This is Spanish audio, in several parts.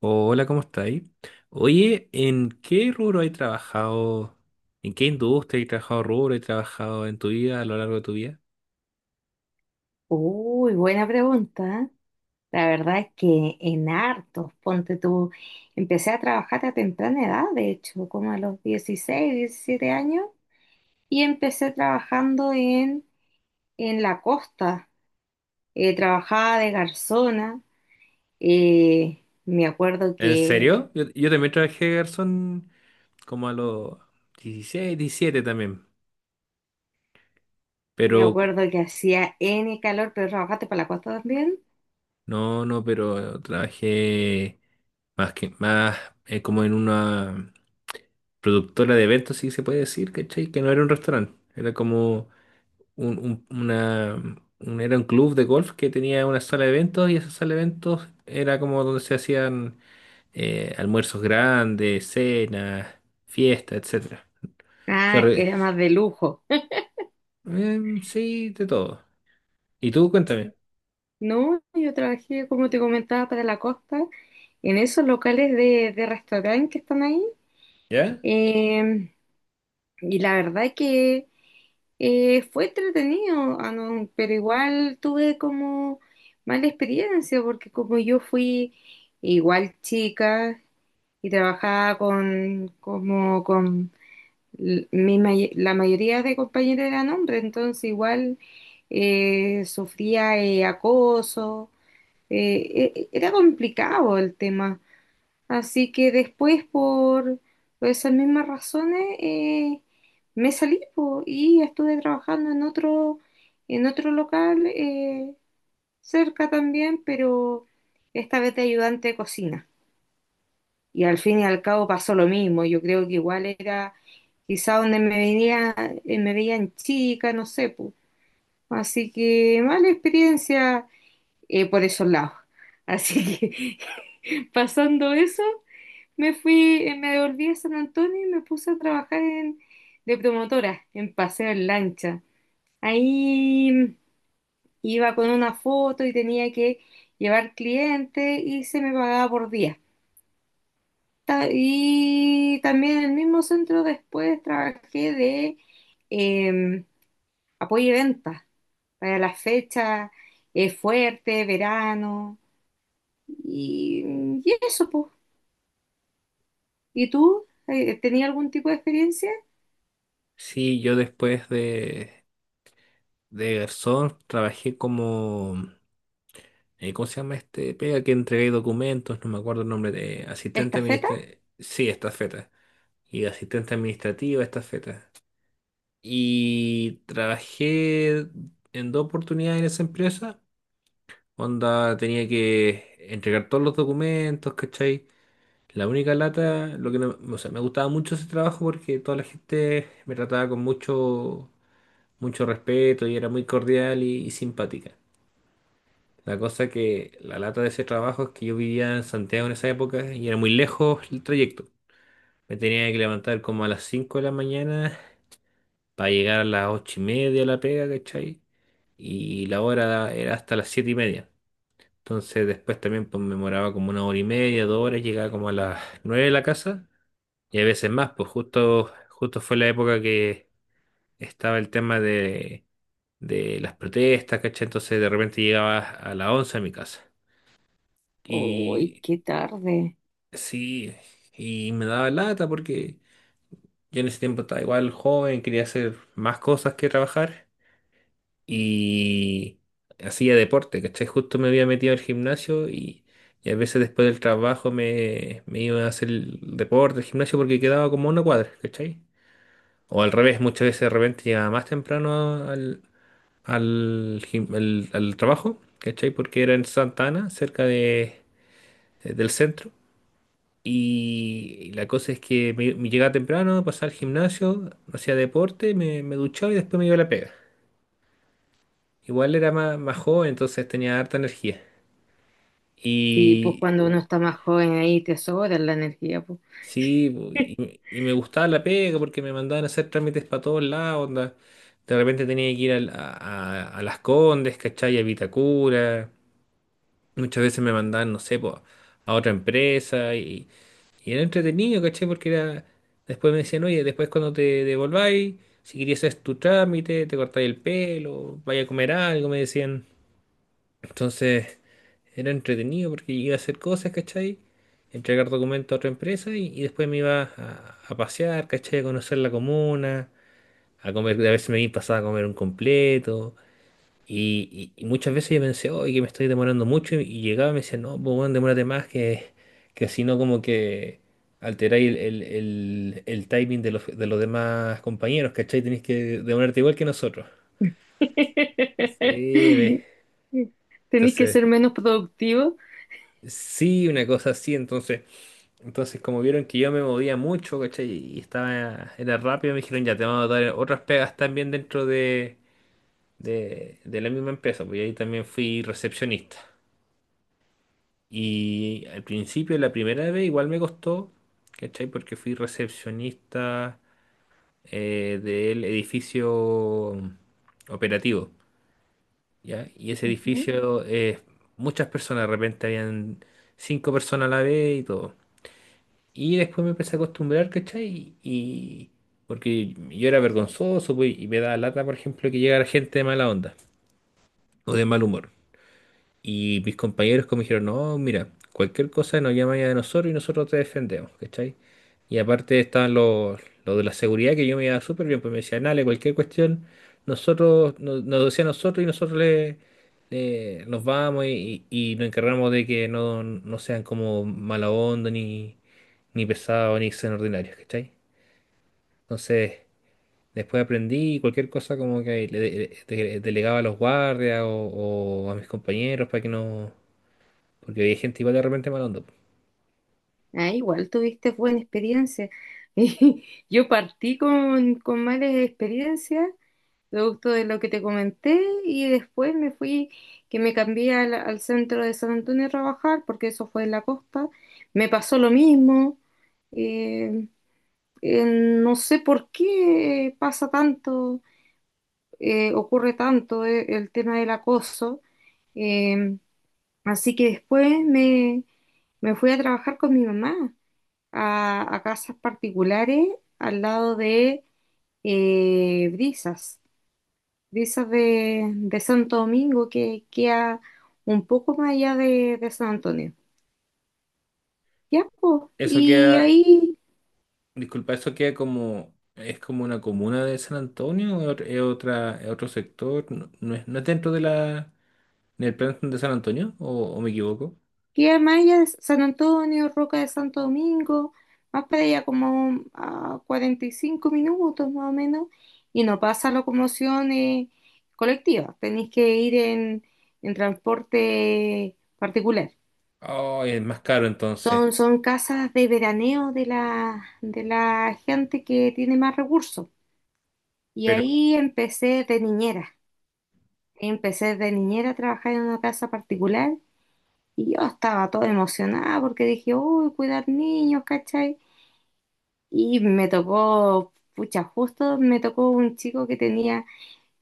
Hola, ¿cómo estáis? Oye, ¿en qué rubro has trabajado? ¿En qué industria has trabajado rubro? ¿Has trabajado en tu vida, a lo largo de tu vida? Uy, buena pregunta. La verdad es que en hartos, ponte tú, empecé a trabajar a temprana edad, de hecho, como a los 16 17 años, y empecé trabajando en la costa. Trabajaba de garzona, eh, me acuerdo ¿En que, serio? Yo también trabajé de garzón como a los 16, 17 también. Pero, me acuerdo que hacía N calor, pero trabajaste para la costa también. no, no, pero trabajé más que más como en una productora de eventos, si se puede decir, ¿cachai? Que no era un restaurante, era como un, un- una, era un club de golf que tenía una sala de eventos y esa sala de eventos era como donde se hacían almuerzos grandes, cenas, fiestas, etcétera. Se Ah, re- era más de lujo. Sí, de todo. Y tú, cuéntame, No, yo trabajé, como te comentaba, para la costa, en esos locales de restaurante que están ahí. ¿ya? Eh, y la verdad que fue entretenido, ah, no, pero igual tuve como mala experiencia, porque como yo fui igual chica y trabajaba con, como con la mayoría de compañeros eran hombres, entonces igual sufría acoso era complicado el tema. Así que después, por esas mismas razones, me salí po, y estuve trabajando en otro local cerca también, pero esta vez de ayudante de cocina. Y al fin y al cabo pasó lo mismo. Yo creo que igual era quizá donde me venía, me veían chica, no sé, po. Así que mala experiencia por esos lados. Así que pasando eso, me fui, me devolví a San Antonio y me puse a trabajar en, de promotora, en paseo en lancha. Ahí iba con una foto y tenía que llevar clientes y se me pagaba por día. Y también en el mismo centro después trabajé de eh, apoyo y venta para las fechas fuerte, verano. Y, y eso, pues. ¿Y tú? ¿Tenías algún tipo de experiencia? Sí, yo después de garzón trabajé como, ¿cómo se llama este? Pega que entregué documentos, no me acuerdo el nombre de asistente ¿Estafeta? administrativo. Sí, estafeta. Y asistente administrativa, estafeta. Y trabajé en dos oportunidades en esa empresa. Onda tenía que entregar todos los documentos, ¿cachai? La única lata, lo que no, o sea, me gustaba mucho ese trabajo porque toda la gente me trataba con mucho, mucho respeto y era muy cordial y simpática. La cosa que la lata de ese trabajo es que yo vivía en Santiago en esa época y era muy lejos el trayecto. Me tenía que levantar como a las 5 de la mañana para llegar a las 8:30 a la pega, ¿cachai? Y la hora era hasta las 7:30. Entonces después también pues, me demoraba como una hora y media, 2 horas, llegaba como a las 9 de la casa y a veces más, pues justo, justo fue la época que estaba el tema de las protestas, ¿cachai? Entonces de repente llegaba a las 11 a mi casa. Uy, Y qué tarde. sí, y me daba lata porque yo en ese tiempo estaba igual joven, quería hacer más cosas que trabajar. Y hacía deporte, ¿cachai? Justo me había metido al gimnasio y a veces después del trabajo me iba a hacer el deporte, el gimnasio, porque quedaba como una cuadra, ¿cachai? O al revés, muchas veces de repente llegaba más temprano al trabajo, ¿cachai? Porque era en Santa Ana, cerca del centro. Y la cosa es que me llegaba temprano, pasaba al gimnasio, hacía deporte, me duchaba y después me iba a la pega. Igual era más, más joven, entonces tenía harta energía. Sí, pues Y cuando uno está más joven ahí te sobra la energía, pues. sí, y me gustaba la pega porque me mandaban a hacer trámites para todos lados, onda. De repente tenía que ir a Las Condes, ¿cachai? A Vitacura. Muchas veces me mandaban, no sé, po, a otra empresa y era entretenido, ¿cachai? Porque era. Después me decían, oye, después cuando te devolváis, si querías hacer tu trámite, te cortáis el pelo, vaya a comer algo, me decían. Entonces. Era entretenido porque iba a hacer cosas, ¿cachai? Entregar documentos a otra empresa y después me iba a pasear, ¿cachai? A conocer la comuna, a comer, a veces me iba pasaba a comer un completo. Y muchas veces yo pensé, oye, que me estoy demorando mucho. Y llegaba y me decía, no, pues bueno, demórate más que si no, como que alteráis el timing de los demás compañeros, ¿cachai? Tenéis que demorarte igual que nosotros. Sí, Tenés que entonces, ser menos productivo. sí, una cosa así, entonces. Entonces, como vieron que yo me movía mucho, ¿cachai? Y estaba, era rápido, me dijeron, ya te vamos a dar otras pegas también dentro de la misma empresa, pues y ahí también fui recepcionista. Y al principio, la primera vez, igual me costó, ¿cachai? Porque fui recepcionista del edificio operativo, ¿ya? Y ese Ujú. edificio, muchas personas, de repente habían cinco personas a la vez y todo. Y después me empecé a acostumbrar, ¿cachai? Y porque yo era vergonzoso, pues, y me daba lata, por ejemplo, que llegara gente de mala onda o de mal humor. Y mis compañeros como dijeron, no, mira, cualquier cosa nos llama ya de nosotros y nosotros te defendemos, ¿cachai? Y aparte estaban los de la seguridad que yo me iba súper bien, pues me decían, dale, cualquier cuestión, nosotros, nos decía nosotros y nosotros nos vamos y nos encargamos de que no sean como mala onda, ni pesados, ni sean ordinarios, ¿cachai? Entonces, después aprendí y cualquier cosa como que delegaba a los guardias o a mis compañeros para que no porque hay gente igual de repente mala onda. Ah, igual tuviste buena experiencia. Yo partí con malas experiencias producto de lo que te comenté, y después me fui, que me cambié al, al centro de San Antonio a trabajar, porque eso fue en la costa, me pasó lo mismo, eh, no sé por qué pasa tanto, ocurre tanto el tema del acoso, eh, así que me fui a trabajar con mi mamá a casas particulares al lado de Brisas de esas de Santo Domingo que queda un poco más allá de San Antonio. Ya, po. Eso Y queda, ahí disculpa, eso queda como, es como una comuna de San Antonio, o es otra, es otro sector, no, no es dentro del plan de San Antonio, o me equivoco. queda más allá de San Antonio, Roca de Santo Domingo, más para allá como a 45 minutos más o menos, y no pasa locomoción colectiva, tenéis que ir en transporte particular. Oh, es más caro entonces. Son casas de veraneo de de la gente que tiene más recursos. Y Pero, ahí empecé de niñera. Empecé de niñera a trabajar en una casa particular y yo estaba toda emocionada porque dije, uy, cuidar niños, ¿cachai? Y me tocó, pucha, justo me tocó un chico que tenía,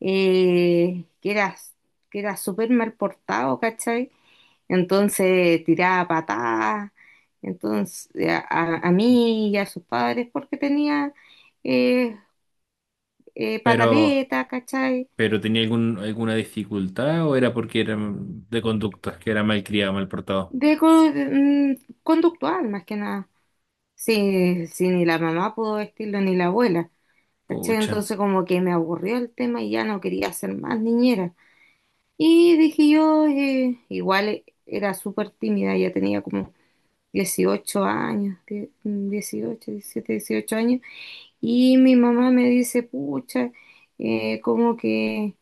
eh, que era, que era súper mal portado, ¿cachai? Entonces tiraba patadas, entonces a mí y a sus padres porque tenía eh, pero, pataleta, ¿cachai? pero tenía alguna dificultad o era porque era de conductas, que era mal criado, mal portado. De, co- mm, conductual, más que nada. Sí, sí, ni la mamá pudo vestirlo, ni la abuela. ¿Cachai? Pucha. Entonces como que me aburrió el tema y ya no quería ser más niñera. Y dije yo, igual era súper tímida, ya tenía como 18 años, 18, 17, 18 años. Y mi mamá me dice, pucha, como que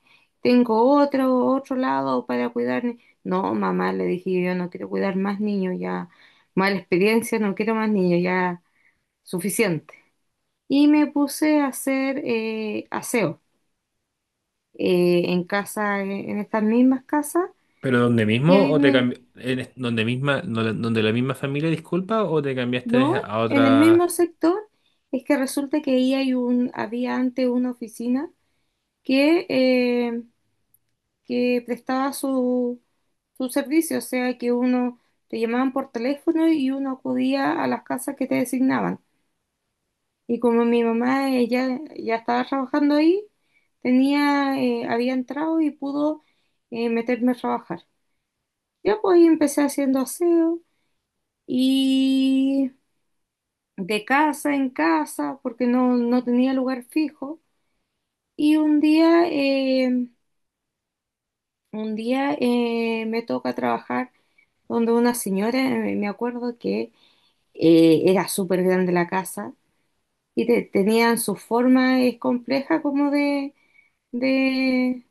tengo otro, otro lado para cuidar. Ni-". No, mamá, le dije, yo no quiero cuidar más niños, ya, mala experiencia, no quiero más niños, ya, suficiente. Y me puse a hacer aseo en casa, en estas mismas casas, ¿Pero donde y mismo o te cambi- en- es- donde misma, donde la misma familia, disculpa, o te cambiaste no, a en el mismo otra? sector, es que resulta que ahí hay un, había antes una oficina que... eh, que prestaba su, su servicio, o sea que uno te llamaban por teléfono y uno acudía a las casas que te designaban. Y como mi mamá ya estaba trabajando ahí, tenía, había entrado y pudo meterme a trabajar. Yo pues ahí empecé haciendo aseo y de casa en casa, porque no tenía lugar fijo. Y un día me toca trabajar donde una señora, me acuerdo que era súper grande la casa y tenían su forma compleja como de,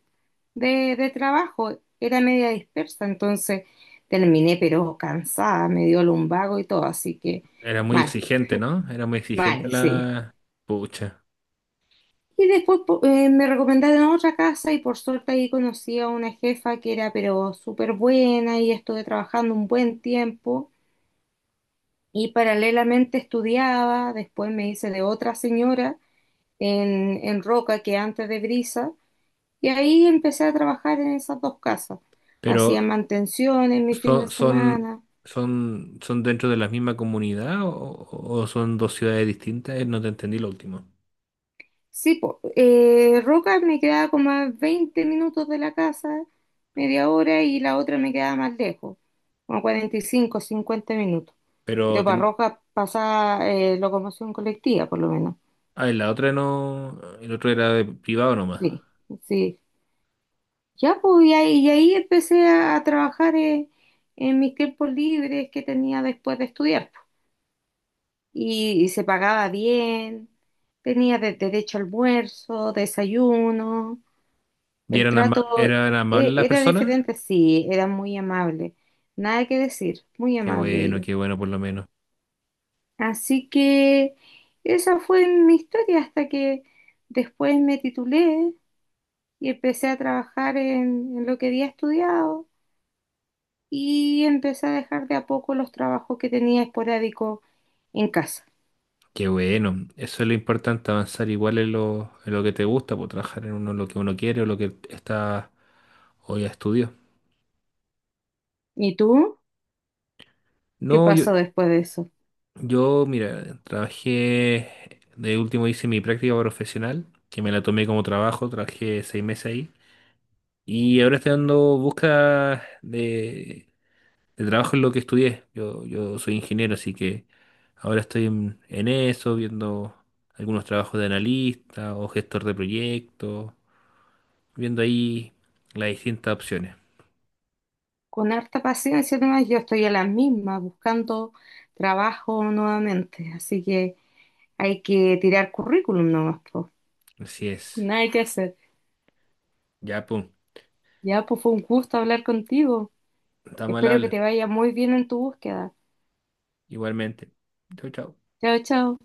de trabajo, era media dispersa, entonces terminé pero cansada, me dio lumbago y todo, así que Era muy mal, exigente, ¿no? Era muy exigente mal, sí. la. Pucha. Y después me recomendaron otra casa y por suerte ahí conocí a una jefa que era pero súper buena y estuve trabajando un buen tiempo. Y paralelamente estudiaba, después me hice de otra señora en Roca, que antes de Brisa, y ahí empecé a trabajar en esas dos casas. Pero Hacía mantención en mi fin de son, son, semana. son dentro de la misma comunidad o son dos ciudades distintas? No te entendí lo último. Sí, po, Roca me quedaba como a 20 minutos de la casa, media hora, y la otra me quedaba más lejos, como 45, 50 minutos. Pero Pero para Roca pasaba locomoción colectiva, por lo menos. En la otra no, el otro era de privado nomás. Sí, sí. Ya, pues, y ahí empecé a trabajar en mis tiempos libres que tenía después de estudiar. Pues. Y se pagaba bien, tenía derecho a almuerzo, desayuno, ¿Y el eran, ama- trato eran amables las era personas? diferente, sí, era muy amable, nada que decir, muy amable ellos. Qué bueno por lo menos. Así que esa fue mi historia hasta que después me titulé y empecé a trabajar en lo que había estudiado. Y empecé a dejar de a poco los trabajos que tenía esporádico en casa. Qué bueno. Eso es lo importante, avanzar igual en en lo que te gusta, por trabajar en uno lo que uno quiere o lo que está o ya estudió. ¿Y tú? ¿Qué No, yo, pasó después de eso? Yo, mira, trabajé, de último hice mi práctica profesional, que me la tomé como trabajo, trabajé 6 meses ahí. Y ahora estoy dando busca de trabajo en lo que estudié. Yo soy ingeniero, así que ahora estoy en eso, viendo algunos trabajos de analista o gestor de proyectos, viendo ahí las distintas opciones. Con harta paciencia nomás, yo estoy a las mismas buscando trabajo nuevamente, así que hay que tirar currículum nomás, po. Así es. Nada hay que hacer. Ya, pum. Ya, pues fue un gusto hablar contigo. Estamos al Espero que habla. te vaya muy bien en tu búsqueda. Igualmente. Chau, chau. Chao, chao.